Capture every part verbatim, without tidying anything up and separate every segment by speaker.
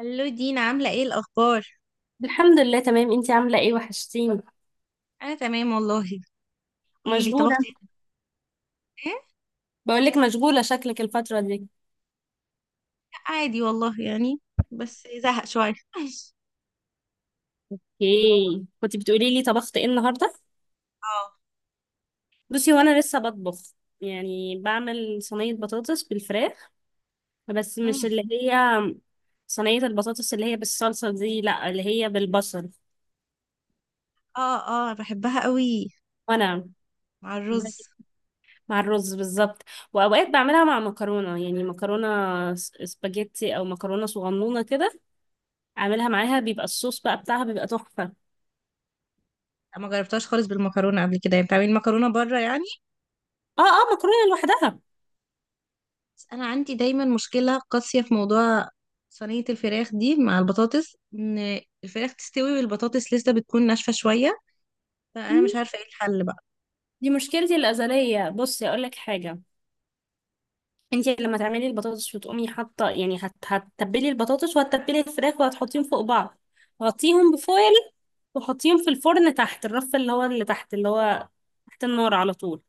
Speaker 1: الو دينا، عاملة ايه الأخبار؟
Speaker 2: الحمد لله تمام. انتي عاملة ايه؟ وحشتيني.
Speaker 1: أنا تمام والله. قوليلي
Speaker 2: مشغولة.
Speaker 1: طبختي ايه؟ "إيه،
Speaker 2: بقولك مشغولة شكلك الفترة دي.
Speaker 1: عادي والله يعني، بس زهق شوية
Speaker 2: اوكي، كنت بتقولي لي طبخت ايه النهاردة.
Speaker 1: اه.
Speaker 2: بصي وانا لسه بطبخ، يعني بعمل صينية بطاطس بالفراخ، بس مش
Speaker 1: مم.
Speaker 2: اللي هي صينية البطاطس اللي هي بالصلصة دي، لا اللي هي بالبصل.
Speaker 1: اه، اه، بحبها قوي
Speaker 2: وانا
Speaker 1: مع الرز.
Speaker 2: مع الرز بالظبط. واوقات بعملها مع مكرونة، يعني مكرونة س- سباجيتي او مكرونة صغنونة كده، اعملها معاها بيبقى الصوص بقى بتاعها بيبقى تحفة.
Speaker 1: لا، ما جربتهاش خالص بالمكرونة قبل كده، يعني بتعملي مكرونة بره يعني.
Speaker 2: اه اه، مكرونة لوحدها.
Speaker 1: بس أنا عندي دايما مشكلة قاسية في موضوع صينية الفراخ دي مع البطاطس، إن الفراخ تستوي والبطاطس لسه بتكون ناشفة شوية، فأنا مش عارفة ايه الحل بقى.
Speaker 2: دي مشكلتي الأزلية، بصي أقول لك حاجة. انت لما تعملي البطاطس وتقومي حاطة، يعني هت... هتتبلي البطاطس وهتتبلي الفراخ وهتحطيهم فوق بعض، غطيهم بفويل وحطيهم في الفرن تحت الرف اللي هو اللي تحت، اللي هو تحت النار على طول.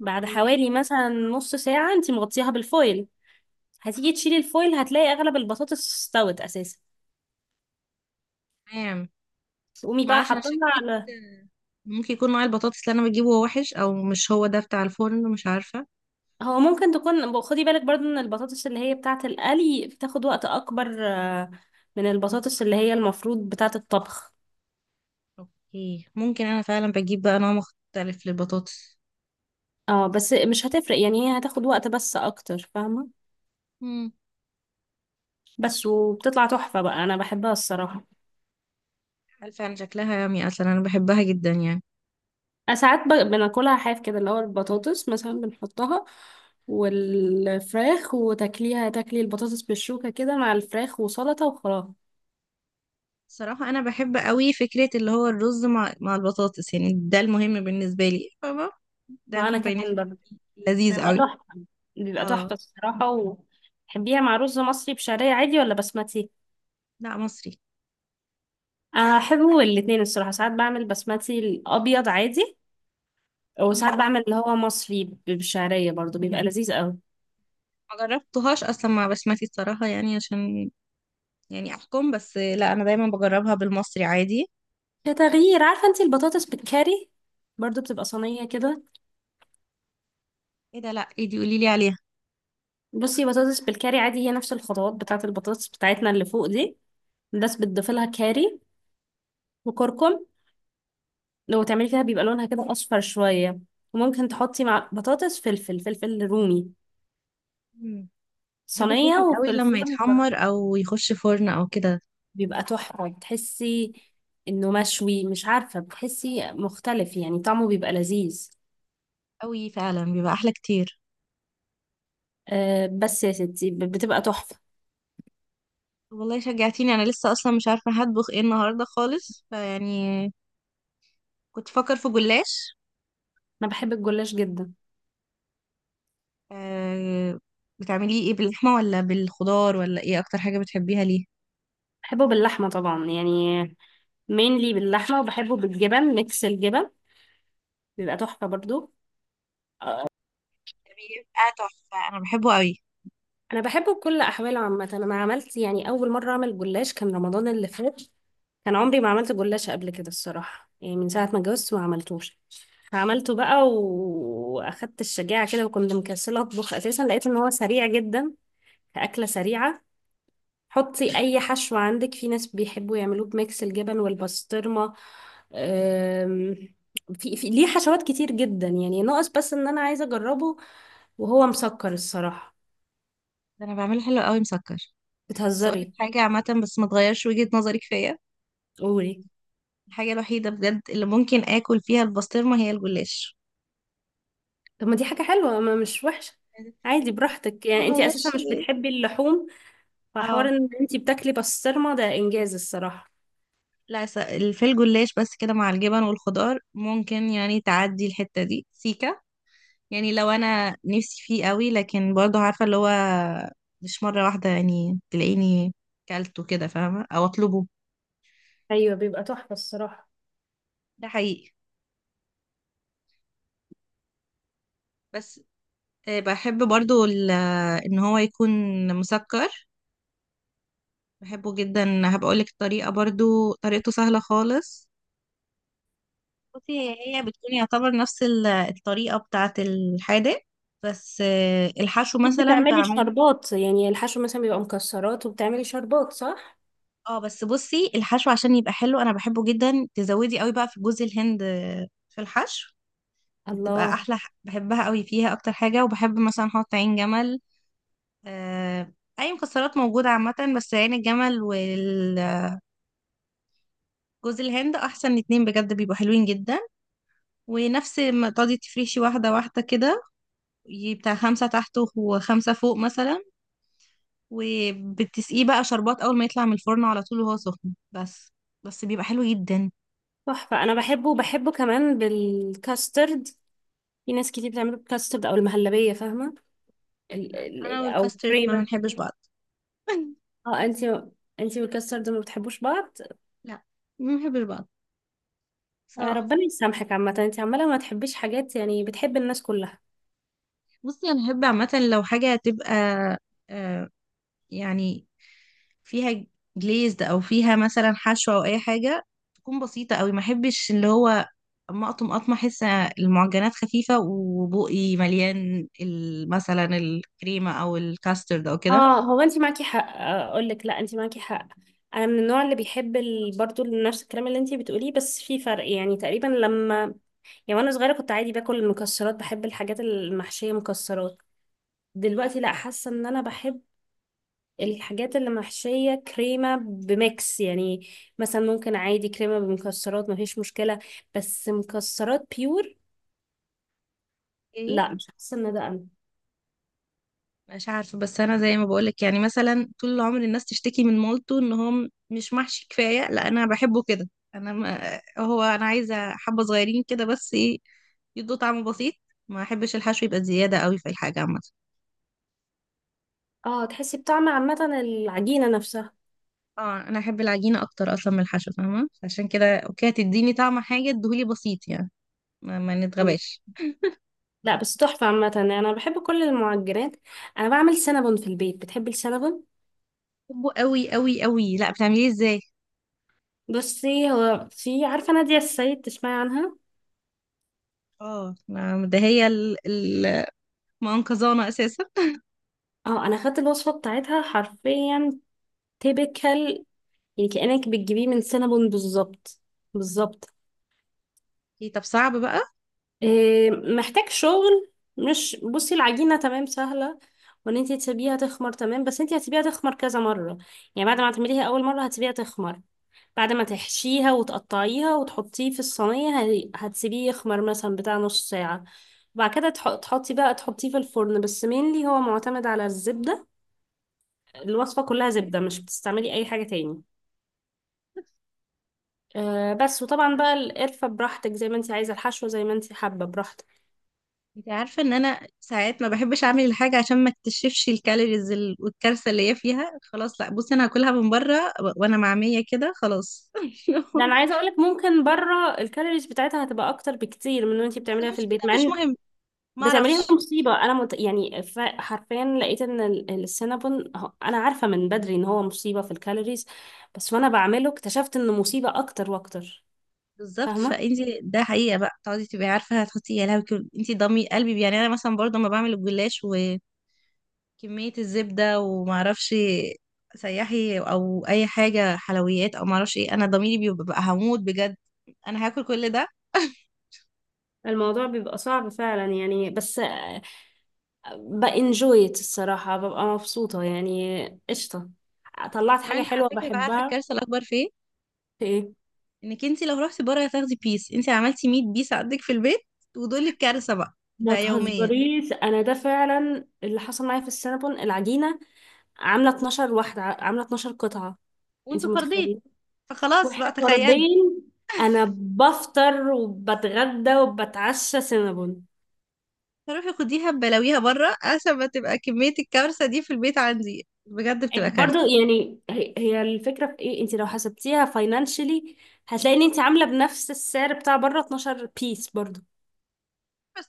Speaker 2: بعد
Speaker 1: ايه؟
Speaker 2: حوالي مثلا نص ساعة انت مغطياها بالفويل، هتيجي تشيلي الفويل هتلاقي أغلب البطاطس استوت أساسا،
Speaker 1: تمام.
Speaker 2: تقومي بقى
Speaker 1: معرفش، أنا
Speaker 2: حاطاها
Speaker 1: شكيت
Speaker 2: على.
Speaker 1: ممكن يكون نوع البطاطس اللي انا بجيبه هو وحش، او مش هو ده بتاع الفرن، مش عارفه.
Speaker 2: هو ممكن تكون، خدي بالك برضو ان البطاطس اللي هي بتاعة القلي بتاخد وقت اكبر، آه، من البطاطس اللي هي المفروض بتاعة الطبخ.
Speaker 1: اوكي، ممكن انا فعلا بجيب بقى نوع مختلف للبطاطس.
Speaker 2: اه، بس مش هتفرق يعني، هي هتاخد وقت بس اكتر، فاهمة؟
Speaker 1: امم
Speaker 2: بس وبتطلع تحفة بقى، انا بحبها الصراحة.
Speaker 1: هل فعلا شكلها يامي، اصلا انا بحبها جدا يعني.
Speaker 2: أنا ساعات ب- بناكلها حاف كده، اللي هو البطاطس مثلا بنحطها والفراخ، وتاكليها تاكلي البطاطس بالشوكة كده مع الفراخ وسلطة وخلاص.
Speaker 1: صراحة، أنا بحب قوي فكرة اللي هو الرز مع مع البطاطس، يعني ده المهم بالنسبة لي فاهمة. ده
Speaker 2: معانا
Speaker 1: الكومباينيشن
Speaker 2: كمان
Speaker 1: لذيذ
Speaker 2: بيبقى
Speaker 1: قوي.
Speaker 2: تحفة، بيبقى تحفة
Speaker 1: اه.
Speaker 2: الصراحة. وتحبيها مع رز مصري بشعرية عادي ولا بسمتي؟
Speaker 1: لا، مصري.
Speaker 2: أنا أحبه الاتنين الصراحة، ساعات بعمل بسمتي الأبيض عادي،
Speaker 1: مم.
Speaker 2: وساعات بعمل اللي هو مصري ب- بالشعرية برضو بيبقى لذيذ قوي.
Speaker 1: ما جربتهاش أصلا مع بسمتي الصراحة، يعني عشان يعني أحكم، بس لا أنا دايما بجربها بالمصري عادي.
Speaker 2: كتغيير، عارفة انتي البطاطس بالكاري؟ برضو بتبقى صينية كده.
Speaker 1: ايه ده؟ لا، ايه دي؟ قوليلي عليها.
Speaker 2: بصي بطاطس بالكاري عادي، هي نفس الخطوات بتاعة البطاطس بتاعتنا اللي فوق دي، بس بتضيفي لها كاري وكركم، لو تعملي فيها بيبقى لونها كده أصفر شوية. وممكن تحطي مع بطاطس فلفل، فلفل رومي،
Speaker 1: بحب
Speaker 2: صينية
Speaker 1: الفلفل قوي
Speaker 2: وفي
Speaker 1: لما
Speaker 2: الفرن.
Speaker 1: يتحمر او يخش فرن او كده.
Speaker 2: بيبقى تحفة، بتحسي انه مشوي، مش عارفة بتحسي مختلف يعني، طعمه بيبقى لذيذ.
Speaker 1: قوي فعلا، بيبقى احلى كتير.
Speaker 2: أه بس يا ستي ب- بتبقى تحفة.
Speaker 1: والله شجعتيني، انا لسه اصلا مش عارفه هطبخ ايه النهارده خالص فيعني. كنت فكر في جلاش.
Speaker 2: انا بحب الجلاش جدا.
Speaker 1: أه. بتعمليه ايه؟ باللحمه ولا بالخضار ولا ايه اكتر حاجه بتحبيها ليه؟
Speaker 2: بحبه باللحمة طبعا يعني، مينلي باللحمة، وبحبه بالجبن، ميكس الجبن، بيبقى تحفة برضو.
Speaker 1: بيبقى تحفه، انا بحبه قوي.
Speaker 2: انا بحبه بكل احواله عامة. انا عملت يعني اول مرة اعمل جلاش كان رمضان اللي فات، كان عمري ما عملت جلاش قبل كده الصراحة، يعني من ساعة ما اتجوزت ما عملتوش. عملته بقى و- واخدت الشجاعة كده، وكنت مكسلة اطبخ اساسا، لقيت ان هو سريع جدا كأكلة سريعة. حطي اي حشو عندك، في ناس بيحبوا يعملوه بميكس الجبن والبسطرمة. أم، في, في ليه حشوات كتير جدا يعني، ناقص بس ان انا عايزة اجربه، وهو مسكر الصراحة.
Speaker 1: ده انا بعمله حلو قوي مسكر. بس اقول لك
Speaker 2: بتهزري؟
Speaker 1: حاجه عامه، بس ما تغيرش وجهه نظرك فيا.
Speaker 2: قولي.
Speaker 1: الحاجه الوحيده بجد اللي ممكن اكل فيها البسطرمه هي الجلاش.
Speaker 2: طب ما دي حاجة حلوة، ما مش وحشة. عادي براحتك،
Speaker 1: ما
Speaker 2: يعني انتي اساسا
Speaker 1: غيرش
Speaker 2: مش
Speaker 1: ليه.
Speaker 2: بتحبي اللحوم، فحوار
Speaker 1: اه.
Speaker 2: ان انتي بتاكلي بسطرمة ده انجاز الصراحة.
Speaker 1: لا س- في الجلاش بس كده مع الجبن والخضار، ممكن يعني تعدي الحتة دي سيكة. يعني لو انا نفسي فيه قوي، لكن برضه عارفة اللي هو، مش مرة واحدة، يعني تلاقيني كلته كده فاهمة او اطلبه.
Speaker 2: ايوه، بيبقى تحفة الصراحة.
Speaker 1: ده حقيقي. بس آه، بحب برضه ال- ان هو يكون مسكر. بحبه جدا، هبقولك الطريقة. برضه طريقته سهلة خالص. بصي، هي هي بتكون يعتبر نفس ال- الطريقة بتاعة الحادق. بس، آه، الحشو
Speaker 2: أكيد
Speaker 1: مثلا
Speaker 2: بتعملي
Speaker 1: بعمله.
Speaker 2: شربات، يعني الحشو مثلا بيبقى مكسرات وبتعملي شربات صح؟
Speaker 1: اه، بس بصي الحشو عشان يبقى حلو، انا بحبه جدا. تزودي قوي بقى في جوز الهند في الحشو، بتبقى
Speaker 2: الله.
Speaker 1: احلى. ح- بحبها قوي فيها اكتر حاجه. وبحب مثلا احط عين جمل، آه، اي مكسرات موجوده عامه. بس عين الجمل والجوز الهند احسن اتنين بجد، بيبقوا حلوين جدا. ونفس ما تقعدي تفرشي، واحده واحده كده، ي- بتاع خمسه تحت وخمسه فوق مثلا، وبتسقيه بقى شربات اول ما يطلع من الفرن على طول وهو سخن بس. بس بيبقى حلو جدا.
Speaker 2: تحفة، أنا بحبه وبحبه كمان بالكاسترد. في ناس كتير بتعمله بالكاسترد أو المهلبية فاهمة؟ ال...
Speaker 1: انا
Speaker 2: ال... أو
Speaker 1: والكاسترد ما
Speaker 2: كريمة.
Speaker 1: بنحبش بعض.
Speaker 2: اه انتي، انتي والكاسترد ما بتحبوش بعض.
Speaker 1: لا، ما بنحبش بعض
Speaker 2: آه،
Speaker 1: بصراحة.
Speaker 2: ربنا يسامحك عامة، انتي عمالة ما تحبيش حاجات، يعني بتحب الناس كلها.
Speaker 1: بصي، انا بحب عامة لو حاجة تبقى، آه، يعني، فيها جليزد، او فيها مثلا حشوة او اي حاجة. تكون بسيطة قوي، ما احبش اللي هو، اما اقطم اقطم، احس المعجنات خفيفة وبقي مليان ال- مثلا الكريمة او الكاسترد او كده.
Speaker 2: اه، هو انتي معاكي حق، اقول لك لا انتي معاكي حق. انا من النوع اللي بيحب ال... برضو نفس الكلام اللي انتي بتقوليه، بس في فرق يعني تقريبا لما، يعني وانا صغيره كنت عادي باكل المكسرات، بحب الحاجات المحشيه مكسرات، دلوقتي لا، حاسه ان انا بحب الحاجات اللي محشيه كريمه بميكس يعني، مثلا ممكن عادي كريمه بمكسرات مفيش مشكله، بس مكسرات بيور
Speaker 1: اوكي.
Speaker 2: لا، مش حاسه ان ده انا.
Speaker 1: مش عارفة، بس أنا زي ما بقولك، يعني مثلا طول العمر الناس تشتكي من مولتو إن هو م- مش محشي كفاية. لا، أنا بحبه كده. أنا ما هو أنا عايزة حبة صغيرين كده، بس إيه، يدوا طعم بسيط. ما أحبش الحشو يبقى زيادة قوي في الحاجة عامة.
Speaker 2: اه تحسي بطعم عامه العجينه نفسها.
Speaker 1: اه، أنا أحب العجينة أكتر أصلا من الحشو فاهمة، عشان كده أوكي هتديني طعم حاجة، ادهولي بسيط يعني. ما, ما
Speaker 2: مم.
Speaker 1: نتغباش.
Speaker 2: لا بس تحفه عامه، يعني انا بحب كل المعجنات. انا بعمل سينابون في البيت، بتحبي السينابون؟
Speaker 1: بحبه قوي قوي قوي. لا، بتعمليه ازاي؟
Speaker 2: بصي هو في، عارفه نادية السيد؟ تسمعي عنها؟
Speaker 1: اه، ما- ده هي ال- ال- المنقذانة أساسا.
Speaker 2: اه، انا خدت الوصفه بتاعتها حرفيا، تيبيكال، يعني كأنك بتجيبيه من سينابون بالظبط، بالظبط.
Speaker 1: إيه، طب صعب بقى.
Speaker 2: إيه، محتاج شغل. مش بصي العجينة تمام سهلة، وان انت تسيبيها تخمر تمام، بس انت هتسيبيها تخمر كذا مرة. يعني بعد ما تعمليها اول مرة هتسيبيها تخمر، بعد ما تحشيها وتقطعيها وتحطيه في الصينية هي- هتسيبيه يخمر مثلا بتاع نص ساعة، وبعد كده تح- تحطي بقى، تحطيه في الفرن، بس مينلي هو معتمد على الزبدة، الوصفة كلها زبدة، مش بتستعملي اي حاجة تاني. آه، بس وطبعا بقى القرفة براحتك زي ما انت عايزة، الحشوة زي ما انت حابة براحتك.
Speaker 1: انت عارفة ان انا ساعات ما بحبش اعمل الحاجة، عشان ما اكتشفش الكالوريز ال- والكارثة اللي هي فيها. خلاص، لا بصي انا هاكلها من بره، و- وانا مع مية كده خلاص
Speaker 2: ده انا عايزة اقولك، ممكن بره الكالوريز بتاعتها هتبقى اكتر بكتير من اللي انت
Speaker 1: بس
Speaker 2: بتعمليها في
Speaker 1: المشكلة
Speaker 2: البيت، مع
Speaker 1: مش
Speaker 2: ان
Speaker 1: مهم، ما
Speaker 2: بتعمليها
Speaker 1: اعرفش.
Speaker 2: مصيبة. انا مت... يعني ف- حرفيا لقيت ان ال- السينابون هو- انا عارفة من بدري ان هو مصيبة في الكالوريز، بس وانا بعمله اكتشفت انه مصيبة اكتر واكتر.
Speaker 1: بالظبط
Speaker 2: فاهمة؟
Speaker 1: فانت، ده حقيقة بقى، تقعدي تبقي عارفة هتحطي، يا لهوي، كل- انت ضمي قلبي. يعني انا مثلا برضه ما بعمل الجلاش وكمية الزبدة، وما اعرفش سياحي او اي حاجة حلويات او ما اعرفش ايه، انا ضميري بيبقى هموت بجد، انا هاكل كل ده.
Speaker 2: الموضوع بيبقى صعب فعلا يعني، بس بانجويت الصراحة ببقى مبسوطة يعني، قشطة، طلعت حاجة
Speaker 1: كمان على
Speaker 2: حلوة
Speaker 1: فكرة، بقى عارفة
Speaker 2: بحبها.
Speaker 1: الكارثة الاكبر فين؟ انك انت لو رحتي بره هتاخدي بيس، انت عملتي مية بيس عندك في البيت، ودول الكارثه بقى،
Speaker 2: ما
Speaker 1: بقى يوميا
Speaker 2: تهزريش، انا ده فعلا اللي حصل معايا في السينابون. العجينه عامله اتناشر واحده، عامله اتناشر قطعه، انت
Speaker 1: وانتوا فردين.
Speaker 2: متخيله؟
Speaker 1: فخلاص بقى،
Speaker 2: واحنا
Speaker 1: تخيلي.
Speaker 2: فردين، انا بفطر وبتغدى وبتعشى سينابون.
Speaker 1: فروحي خديها ببلاويها بره، عشان ما تبقى كميه الكارثه دي في البيت عندي، بجد بتبقى
Speaker 2: انت برضو
Speaker 1: كارثه.
Speaker 2: يعني، هي هي الفكره في ايه؟ انت لو حسبتيها فاينانشلي هتلاقي ان انت عامله بنفس السعر بتاع بره، اتناشر بيس برضو.
Speaker 1: بس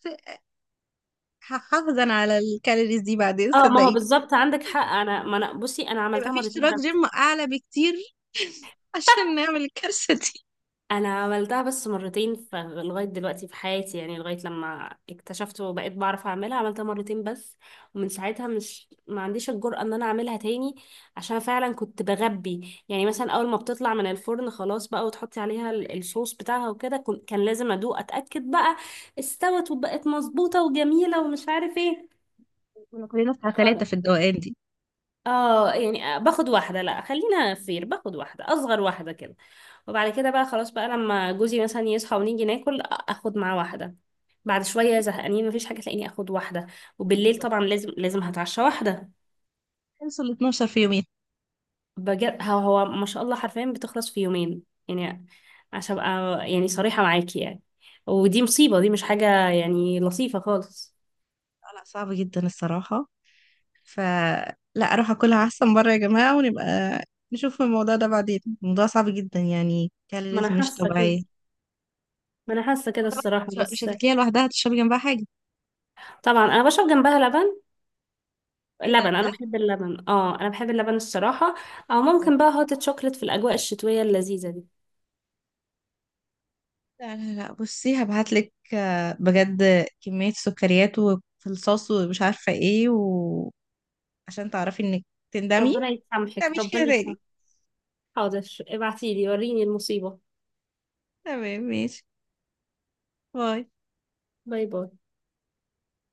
Speaker 1: هحافظ انا على الكالوريز دي بعدين،
Speaker 2: اه، ما هو
Speaker 1: صدقيني.
Speaker 2: بالظبط عندك حق. انا ما انا، بصي انا
Speaker 1: هيبقى
Speaker 2: عملتها
Speaker 1: في
Speaker 2: مرتين
Speaker 1: اشتراك
Speaker 2: بس،
Speaker 1: جيم اعلى بكتير عشان نعمل الكارثه دي.
Speaker 2: انا عملتها بس مرتين ف- لغايه دلوقتي في حياتي، يعني لغايه لما اكتشفت وبقيت بعرف اعملها عملتها مرتين بس، ومن ساعتها مش، ما عنديش الجرأة ان انا اعملها تاني، عشان فعلا كنت بغبي. يعني مثلا اول ما بتطلع من الفرن خلاص بقى، وتحطي عليها ال- الصوص بتاعها وكده، كن- كان لازم ادوق اتاكد بقى استوت وبقت مظبوطه وجميله ومش عارف ايه.
Speaker 1: كنا كلنا بتاع ثلاثه
Speaker 2: خلاص
Speaker 1: في الدوقان دي
Speaker 2: اه، يعني باخد واحده، لا خلينا فير باخد واحده، اصغر واحده كده. وبعد كده بقى خلاص بقى، لما جوزي مثلا يصحى ونيجي ناكل اخد معاه واحده، بعد شويه زهقانين مفيش حاجه تلاقيني اخد واحده، وبالليل
Speaker 1: بالظبط.
Speaker 2: طبعا لازم لازم هتعشى واحده.
Speaker 1: خلصوا ال اتناشر في يومين.
Speaker 2: بجد، هو هو ما شاء الله حرفيا بتخلص في يومين يعني، عشان ابقى يعني صريحه معاكي يعني. ودي مصيبه، دي مش حاجه يعني لطيفه خالص.
Speaker 1: لا، لا، صعب جدا الصراحه. فلا، اروح اكلها احسن بره يا جماعة، ونبقى نشوف الموضوع ده بعدين. الموضوع صعب جدا، يعني
Speaker 2: ما انا
Speaker 1: كالوريز مش
Speaker 2: حاسه كده،
Speaker 1: طبيعية.
Speaker 2: ما انا حاسه كده
Speaker 1: طبعاً.
Speaker 2: الصراحه
Speaker 1: مش مش
Speaker 2: بس.
Speaker 1: هتاكليها لوحدها، هتشربي جنبها حاجة.
Speaker 2: طبعا انا بشرب جنبها لبن.
Speaker 1: ايه ده؟
Speaker 2: لبن،
Speaker 1: بجد
Speaker 2: انا بحب اللبن، اه انا بحب اللبن الصراحه. او ممكن
Speaker 1: والله.
Speaker 2: بقى هوت شوكليت في الاجواء الشتويه اللذيذه دي.
Speaker 1: لا، لا، لا، بصي هبعتلك، آه، بجد كمية سكريات وفي الصوص ومش عارفة ايه، وعشان تعرفي انك تندمي،
Speaker 2: ربنا يسامحك،
Speaker 1: تعمليش كده
Speaker 2: ربنا
Speaker 1: تاني.
Speaker 2: يسامحك. حاضر، ابعتيلي وريني المصيبة.
Speaker 1: تمام ماشي. باي.
Speaker 2: باي باي.